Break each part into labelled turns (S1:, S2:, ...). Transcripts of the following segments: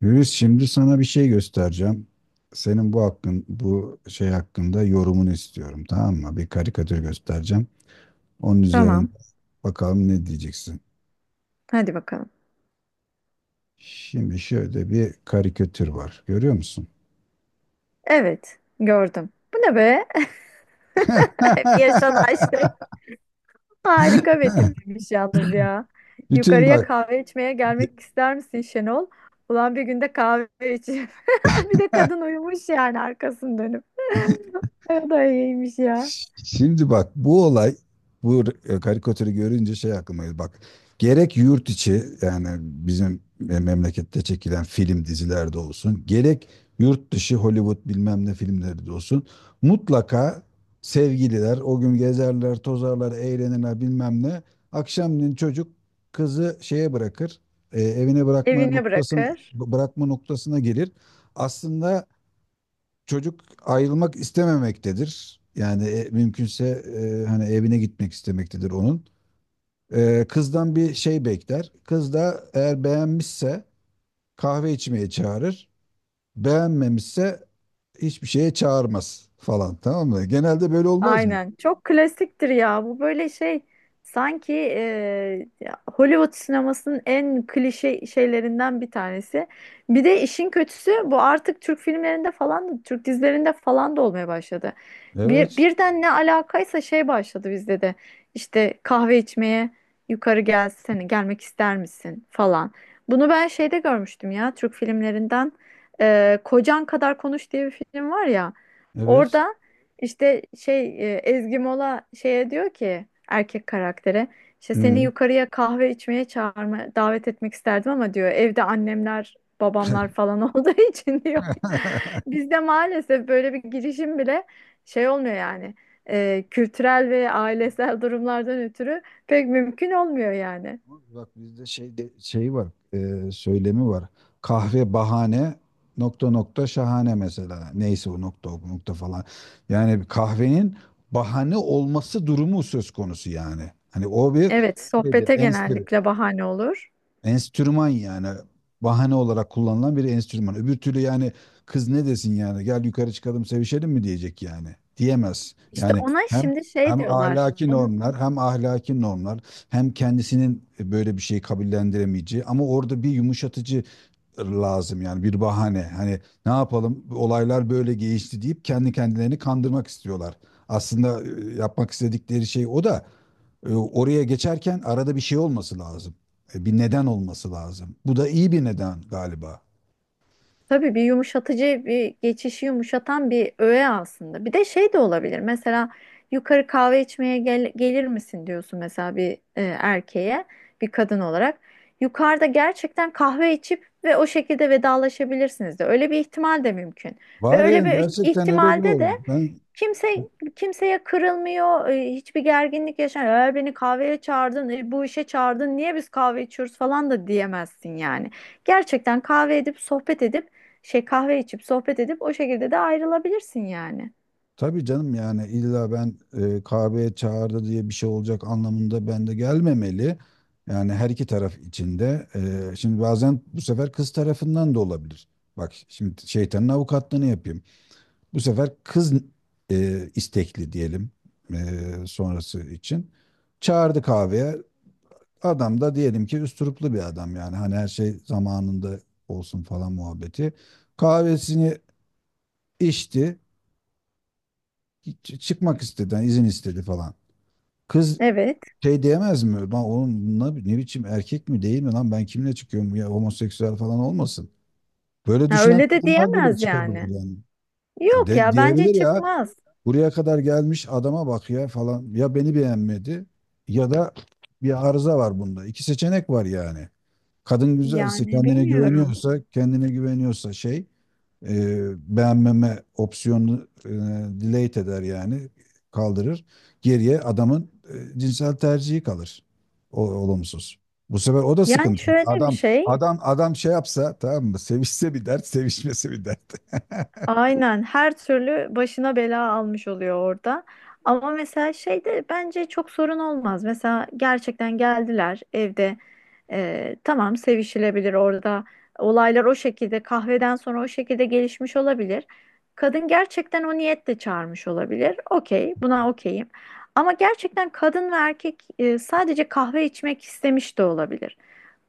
S1: Yürüs şimdi sana bir şey göstereceğim. Senin bu hakkın, bu şey hakkında yorumunu istiyorum, tamam mı? Bir karikatür göstereceğim. Onun üzerinde
S2: Tamam.
S1: bakalım ne diyeceksin.
S2: Hadi bakalım.
S1: Şimdi şöyle bir karikatür var. Görüyor musun?
S2: Evet. Gördüm. Bu ne be? Hep yaşanan şey. Harika betimlemiş yalnız ya.
S1: Bütün
S2: Yukarıya
S1: bak.
S2: kahve içmeye gelmek ister misin Şenol? Ulan bir günde kahve içeyim. Bir de kadın uyumuş yani arkasını dönüp. O da iyiymiş ya.
S1: Şimdi bak, bu olay, bu karikatürü görünce şey aklıma geldi. Bak, gerek yurt içi, yani bizim memlekette çekilen film dizilerde olsun, gerek yurt dışı Hollywood bilmem ne filmleri de olsun, mutlaka sevgililer o gün gezerler, tozarlar, eğlenirler bilmem ne. Akşamleyin çocuk kızı şeye bırakır, evine bırakma
S2: Evine
S1: noktasına,
S2: bırakır.
S1: bırakma noktasına gelir. Aslında çocuk ayrılmak istememektedir. Yani mümkünse hani evine gitmek istemektedir onun. Kızdan bir şey bekler. Kız da eğer beğenmişse kahve içmeye çağırır. Beğenmemişse hiçbir şeye çağırmaz falan, tamam mı? Genelde böyle olmaz mı?
S2: Aynen. Çok klasiktir ya. Bu böyle şey sanki Hollywood sinemasının en klişe şeylerinden bir tanesi. Bir de işin kötüsü bu artık Türk filmlerinde falan da Türk dizilerinde falan da olmaya başladı. Bir,
S1: Evet,
S2: birden ne alakaysa şey başladı bizde de. İşte kahve içmeye yukarı gelsene gelmek ister misin falan. Bunu ben şeyde görmüştüm ya Türk filmlerinden. Kocan Kadar Konuş diye bir film var ya.
S1: evet.
S2: Orada işte şey Ezgi Mola şeye diyor ki erkek karaktere işte seni
S1: Hmm.
S2: yukarıya kahve içmeye çağırma davet etmek isterdim ama diyor evde annemler babamlar falan olduğu için diyor. Bizde maalesef böyle bir girişim bile şey olmuyor yani. Kültürel ve ailesel durumlardan ötürü pek mümkün olmuyor yani.
S1: Bak, bizde şey de, şey var, söylemi var. Kahve bahane, nokta nokta şahane mesela. Neyse, o nokta o nokta falan. Yani bir kahvenin bahane olması durumu söz konusu yani. Hani o bir
S2: Evet,
S1: şeydir,
S2: sohbete
S1: enstitü.
S2: genellikle bahane olur.
S1: Enstrüman yani, bahane olarak kullanılan bir enstrüman. Öbür türlü yani kız ne desin, yani gel yukarı çıkalım sevişelim mi diyecek yani. Diyemez.
S2: İşte
S1: Yani
S2: ona
S1: hem
S2: şimdi şey
S1: hem
S2: diyorlar.
S1: ahlaki
S2: Onun.
S1: normlar, hem kendisinin böyle bir şeyi kabullendiremeyeceği, ama orada bir yumuşatıcı lazım, yani bir bahane. Hani ne yapalım, olaylar böyle gelişti deyip kendi kendilerini kandırmak istiyorlar. Aslında yapmak istedikleri şey o da, oraya geçerken arada bir şey olması lazım. Bir neden olması lazım. Bu da iyi bir neden galiba.
S2: Tabii bir yumuşatıcı bir geçişi yumuşatan bir öğe aslında. Bir de şey de olabilir. Mesela yukarı kahve içmeye gelir misin diyorsun mesela bir erkeğe bir kadın olarak. Yukarıda gerçekten kahve içip ve o şekilde vedalaşabilirsiniz de. Öyle bir ihtimal de mümkün. Ve
S1: Var ya,
S2: öyle bir
S1: gerçekten öyle bir
S2: ihtimalde de
S1: oldu. Ben,
S2: kimse kimseye kırılmıyor, hiçbir gerginlik yaşanmıyor. Eğer beni kahveye çağırdın, bu işe çağırdın, niye biz kahve içiyoruz falan da diyemezsin yani. Gerçekten kahve edip sohbet edip şey kahve içip sohbet edip o şekilde de ayrılabilirsin yani.
S1: tabii canım, yani illa ben kahveye çağırdı diye bir şey olacak anlamında ben de gelmemeli. Yani her iki taraf içinde. Şimdi bazen bu sefer kız tarafından da olabilir. Bak şimdi şeytanın avukatlığını yapayım. Bu sefer kız istekli diyelim, sonrası için. Çağırdı kahveye. Adam da diyelim ki üsturuplu bir adam, yani hani her şey zamanında olsun falan muhabbeti. Kahvesini içti, çıkmak istedi, yani izin istedi falan. Kız
S2: Evet.
S1: şey diyemez mi? Lan oğlum, ne biçim erkek mi değil mi, lan ben kimle çıkıyorum, ya homoseksüel falan olmasın. Böyle
S2: Ha,
S1: düşünen
S2: öyle de
S1: kadınlar bile
S2: diyemez
S1: çıkabilir
S2: yani.
S1: yani. Ya
S2: Yok ya bence
S1: Diyebilir ya,
S2: çıkmaz.
S1: buraya kadar gelmiş adama bak ya falan, ya beni beğenmedi, ya da bir arıza var bunda. İki seçenek var yani. Kadın güzelse,
S2: Yani
S1: kendine
S2: bilmiyorum.
S1: güveniyorsa, kendine güveniyorsa şey, e, beğenmeme opsiyonunu delete eder yani, kaldırır. Geriye adamın cinsel tercihi kalır. O, olumsuz. Bu sefer o da
S2: Yani
S1: sıkıntı.
S2: şöyle bir
S1: Adam
S2: şey.
S1: adam adam şey yapsa tamam mı? Sevişse bir dert, sevişmesi bir dert.
S2: Aynen her türlü başına bela almış oluyor orada. Ama mesela şeyde bence çok sorun olmaz. Mesela gerçekten geldiler evde. Tamam sevişilebilir orada. Olaylar o şekilde kahveden sonra o şekilde gelişmiş olabilir. Kadın gerçekten o niyetle çağırmış olabilir. Okey, buna okeyim. Ama gerçekten kadın ve erkek sadece kahve içmek istemiş de olabilir.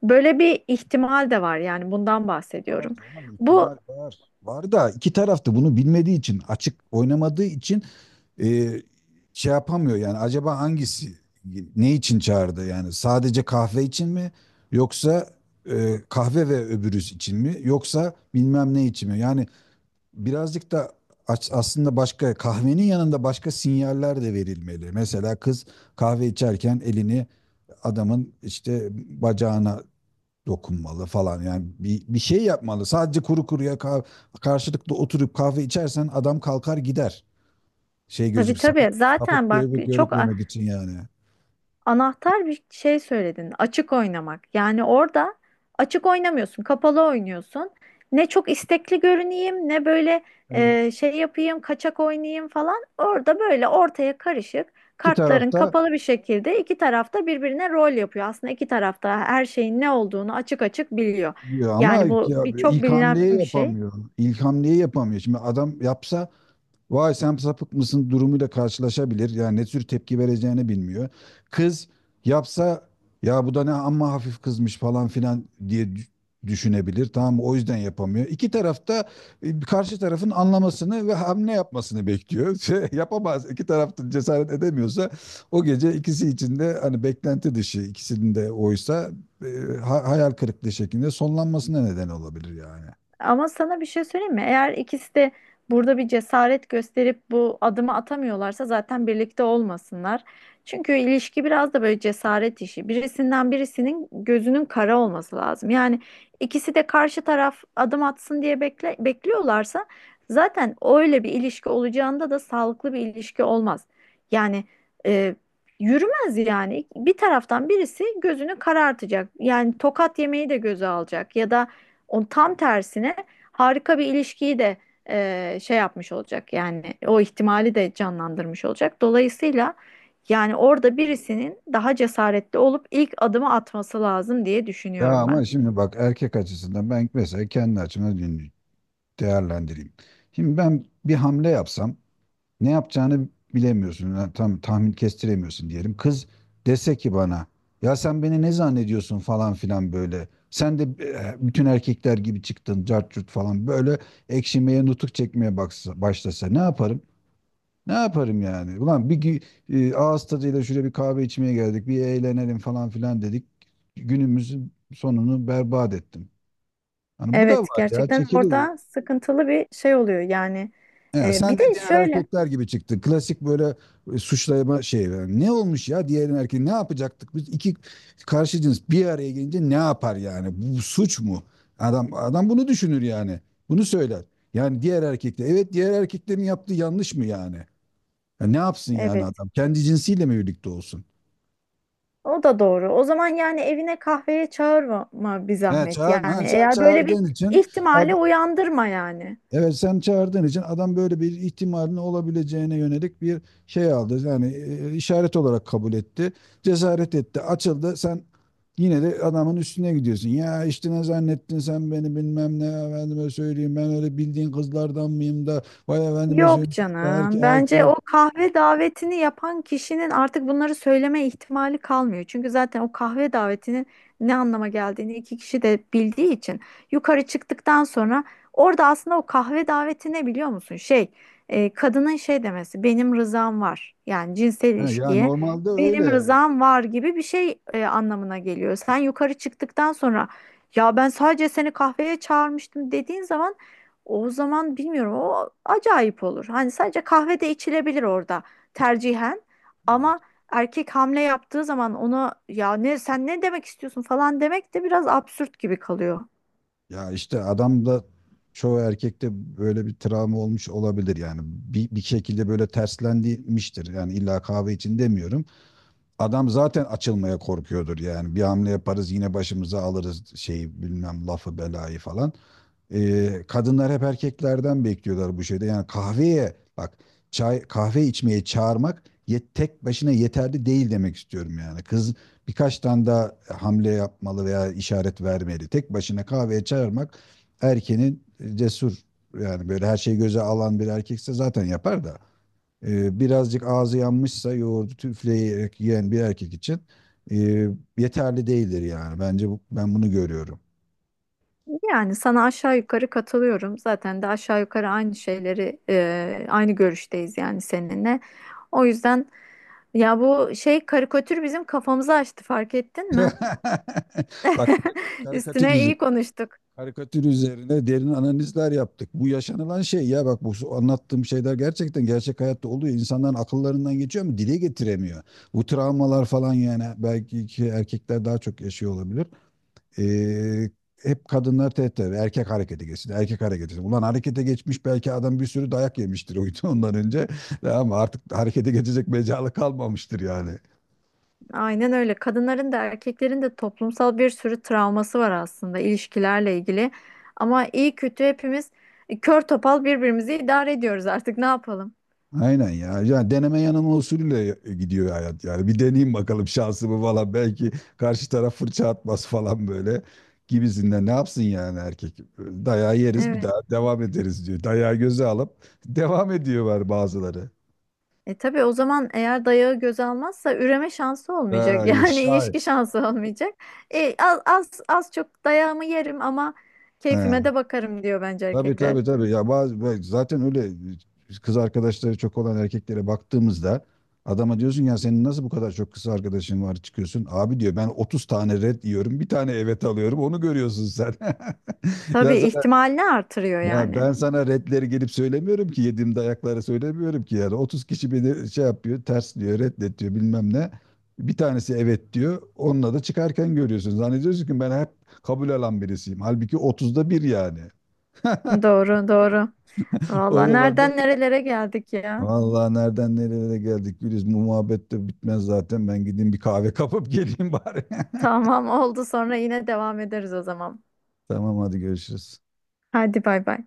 S2: Böyle bir ihtimal de var yani bundan
S1: Var
S2: bahsediyorum.
S1: canım, ihtimal
S2: Bu.
S1: var. Var da iki tarafta bunu bilmediği için, açık oynamadığı için e, şey yapamıyor, yani acaba hangisi ne için çağırdı, yani sadece kahve için mi, yoksa kahve ve öbürüz için mi, yoksa bilmem ne için mi yani. Birazcık da aslında başka, kahvenin yanında başka sinyaller de verilmeli. Mesela kız kahve içerken elini adamın işte bacağına dokunmalı falan. Yani bir şey yapmalı. Sadece kuru kuruya karşılıklı oturup kahve içersen adam kalkar gider. Şey
S2: Tabii
S1: gözük,
S2: tabii.
S1: sapık
S2: Zaten bak çok a-
S1: görükmemek için yani.
S2: anahtar bir şey söyledin. Açık oynamak. Yani orada açık oynamıyorsun, kapalı oynuyorsun. Ne çok istekli görüneyim, ne böyle
S1: Evet.
S2: şey yapayım, kaçak oynayayım falan. Orada böyle ortaya karışık,
S1: İki
S2: kartların
S1: tarafta
S2: kapalı bir şekilde iki tarafta birbirine rol yapıyor. Aslında iki tarafta her şeyin ne olduğunu açık açık biliyor.
S1: diyor ama
S2: Yani bu
S1: ya,
S2: bir çok
S1: ilk
S2: bilinen
S1: hamleyi
S2: bir şey.
S1: yapamıyor. İlk hamleyi yapamıyor. Şimdi adam yapsa, vay sen sapık mısın durumuyla karşılaşabilir. Yani ne tür tepki vereceğini bilmiyor. Kız yapsa ya bu da ne, amma hafif kızmış falan filan diye düşünebilir. Tamam mı? O yüzden yapamıyor. İki tarafta karşı tarafın anlamasını ve hamle yapmasını bekliyor. Şey, yapamaz. İki tarafta cesaret edemiyorsa, o gece ikisi içinde hani beklenti dışı, ikisinin de oysa hayal kırıklığı şeklinde sonlanmasına neden olabilir yani.
S2: Ama sana bir şey söyleyeyim mi? Eğer ikisi de burada bir cesaret gösterip bu adımı atamıyorlarsa zaten birlikte olmasınlar. Çünkü ilişki biraz da böyle cesaret işi. Birisinden birisinin gözünün kara olması lazım. Yani ikisi de karşı taraf adım atsın diye bekliyorlarsa zaten öyle bir ilişki olacağında da sağlıklı bir ilişki olmaz. Yani e, yürümez yani. Bir taraftan birisi gözünü karartacak. Yani tokat yemeyi de göze alacak ya da o tam tersine harika bir ilişkiyi de şey yapmış olacak yani o ihtimali de canlandırmış olacak. Dolayısıyla yani orada birisinin daha cesaretli olup ilk adımı atması lazım diye
S1: Ya
S2: düşünüyorum
S1: ama
S2: ben.
S1: şimdi bak erkek açısından, ben mesela kendi açımdan dinliyorum, değerlendireyim. Şimdi ben bir hamle yapsam ne yapacağını bilemiyorsun. Yani tam tahmin kestiremiyorsun diyelim. Kız dese ki bana, ya sen beni ne zannediyorsun falan filan böyle. Sen de bütün erkekler gibi çıktın cart curt falan böyle, ekşimeye, nutuk çekmeye baksa, başlasa ne yaparım? Ne yaparım yani? Ulan bir gü- e, Ağız tadıyla şuraya bir kahve içmeye geldik, bir eğlenelim falan filan dedik. Günümüzün sonunu berbat ettim. Hani bu da
S2: Evet,
S1: var ya,
S2: gerçekten
S1: çekilir.
S2: orada sıkıntılı bir şey oluyor yani.
S1: He, sen
S2: Bir de
S1: de diğer
S2: şöyle,
S1: erkekler gibi çıktın. Klasik böyle suçlama şey. Yani ne olmuş ya, diğer erkek ne yapacaktık? Biz iki karşı cins bir araya gelince ne yapar yani? Bu suç mu? Adam bunu düşünür yani. Bunu söyler. Yani diğer erkekler. Evet, diğer erkeklerin yaptığı yanlış mı yani? Ya ne yapsın yani
S2: evet,
S1: adam? Kendi cinsiyle mi birlikte olsun?
S2: o da doğru. O zaman yani evine kahveye çağırma bir
S1: He,
S2: zahmet
S1: çağırma.
S2: yani
S1: He, sen
S2: eğer böyle bir
S1: çağırdığın için
S2: ihtimali
S1: adam
S2: uyandırma yani.
S1: evet, sen çağırdığın için adam böyle bir ihtimalin olabileceğine yönelik bir şey aldı. Yani işaret olarak kabul etti. Cesaret etti. Açıldı. Sen yine de adamın üstüne gidiyorsun. Ya işte ne zannettin sen beni, bilmem ne efendime söyleyeyim. Ben öyle bildiğin kızlardan mıyım da vay efendime
S2: Yok
S1: söyleyeyim. Erkek
S2: canım. Bence o
S1: erkek.
S2: kahve davetini yapan kişinin artık bunları söyleme ihtimali kalmıyor. Çünkü zaten o kahve davetinin ne anlama geldiğini iki kişi de bildiği için yukarı çıktıktan sonra orada aslında o kahve daveti ne biliyor musun? Şey, kadının şey demesi benim rızam var. Yani cinsel
S1: Ya
S2: ilişkiye
S1: normalde
S2: benim
S1: öyle.
S2: rızam var gibi bir şey anlamına geliyor. Sen yukarı çıktıktan sonra ya ben sadece seni kahveye çağırmıştım dediğin zaman o zaman bilmiyorum o acayip olur. Hani sadece kahve de içilebilir orada tercihen. Ama
S1: Evet.
S2: erkek hamle yaptığı zaman ona ya ne sen ne demek istiyorsun falan demek de biraz absürt gibi kalıyor.
S1: Ya işte adam da çoğu erkekte böyle bir travma olmuş olabilir yani. Bir şekilde böyle terslendirilmiştir. Yani illa kahve için demiyorum. Adam zaten açılmaya korkuyordur yani. Bir hamle yaparız yine başımıza alırız şeyi, bilmem lafı, belayı falan. Kadınlar hep erkeklerden bekliyorlar bu şeyde. Yani kahveye bak, çay kahve içmeye çağırmak tek başına yeterli değil demek istiyorum yani. Kız birkaç tane daha hamle yapmalı veya işaret vermeli. Tek başına kahveye çağırmak erkeğin cesur, yani böyle her şeyi göze alan bir erkekse zaten yapar da. Birazcık ağzı yanmışsa yoğurdu üfleyerek yiyen bir erkek için e, yeterli değildir yani. Bence bu, ben bunu görüyorum.
S2: Yani sana aşağı yukarı katılıyorum. Zaten de aşağı yukarı aynı şeyleri aynı görüşteyiz yani seninle. O yüzden ya bu şey karikatür bizim kafamızı açtı fark ettin mi?
S1: Bak
S2: Üstüne iyi konuştuk.
S1: karikatür üzerine derin analizler yaptık. Bu yaşanılan şey ya, bak bu anlattığım şeyler gerçekten gerçek hayatta oluyor. İnsanların akıllarından geçiyor ama dile getiremiyor. Bu travmalar falan yani belki ki erkekler daha çok yaşıyor olabilir. Ee, Hep kadınlar tehdit eder. Erkek harekete geçsin, erkek harekete geçsin. Ulan harekete geçmiş belki adam, bir sürü dayak yemiştir uydu ondan önce. Ama artık harekete geçecek mecalı kalmamıştır yani.
S2: Aynen öyle. Kadınların da erkeklerin de toplumsal bir sürü travması var aslında ilişkilerle ilgili. Ama iyi kötü hepimiz kör topal birbirimizi idare ediyoruz artık ne yapalım?
S1: Aynen ya. Yani deneme yanılma usulüyle gidiyor hayat yani. Bir deneyeyim bakalım şansımı falan. Belki karşı taraf fırça atmaz falan böyle gibisinden. Ne yapsın yani erkek? Dayağı yeriz bir
S2: Evet.
S1: daha devam ederiz diyor. Dayağı göze alıp devam ediyorlar bazıları.
S2: E tabii o zaman eğer dayağı göze almazsa üreme şansı olmayacak.
S1: Ha,
S2: Yani
S1: şahit.
S2: ilişki şansı olmayacak. E, az çok dayağımı yerim ama keyfime de bakarım diyor bence
S1: Tabii
S2: erkekler.
S1: tabii tabii. Ya bazı, ve zaten öyle kız arkadaşları çok olan erkeklere baktığımızda, adama diyorsun ya senin nasıl bu kadar çok kız arkadaşın var çıkıyorsun. Abi diyor ben 30 tane red yiyorum. Bir tane evet alıyorum. Onu görüyorsun sen. Ben
S2: Tabii
S1: sana,
S2: ihtimalini artırıyor
S1: Ya
S2: yani.
S1: ben sana redleri gelip söylemiyorum ki, yediğim dayakları söylemiyorum ki, yani 30 kişi beni şey yapıyor, ters diyor, reddet diyor bilmem ne. Bir tanesi evet diyor. Onunla da çıkarken görüyorsun. Zannediyorsun ki ben hep kabul alan birisiyim. Halbuki 30'da bir yani.
S2: Doğru, doğru.
S1: O
S2: Vallahi
S1: zaman da,
S2: nereden nerelere geldik ya.
S1: vallahi nereden nerelere geldik Güliz. Bu muhabbet de bitmez zaten. Ben gideyim bir kahve kapıp geleyim bari.
S2: Tamam oldu sonra yine devam ederiz o zaman.
S1: Tamam hadi görüşürüz.
S2: Hadi bay bay.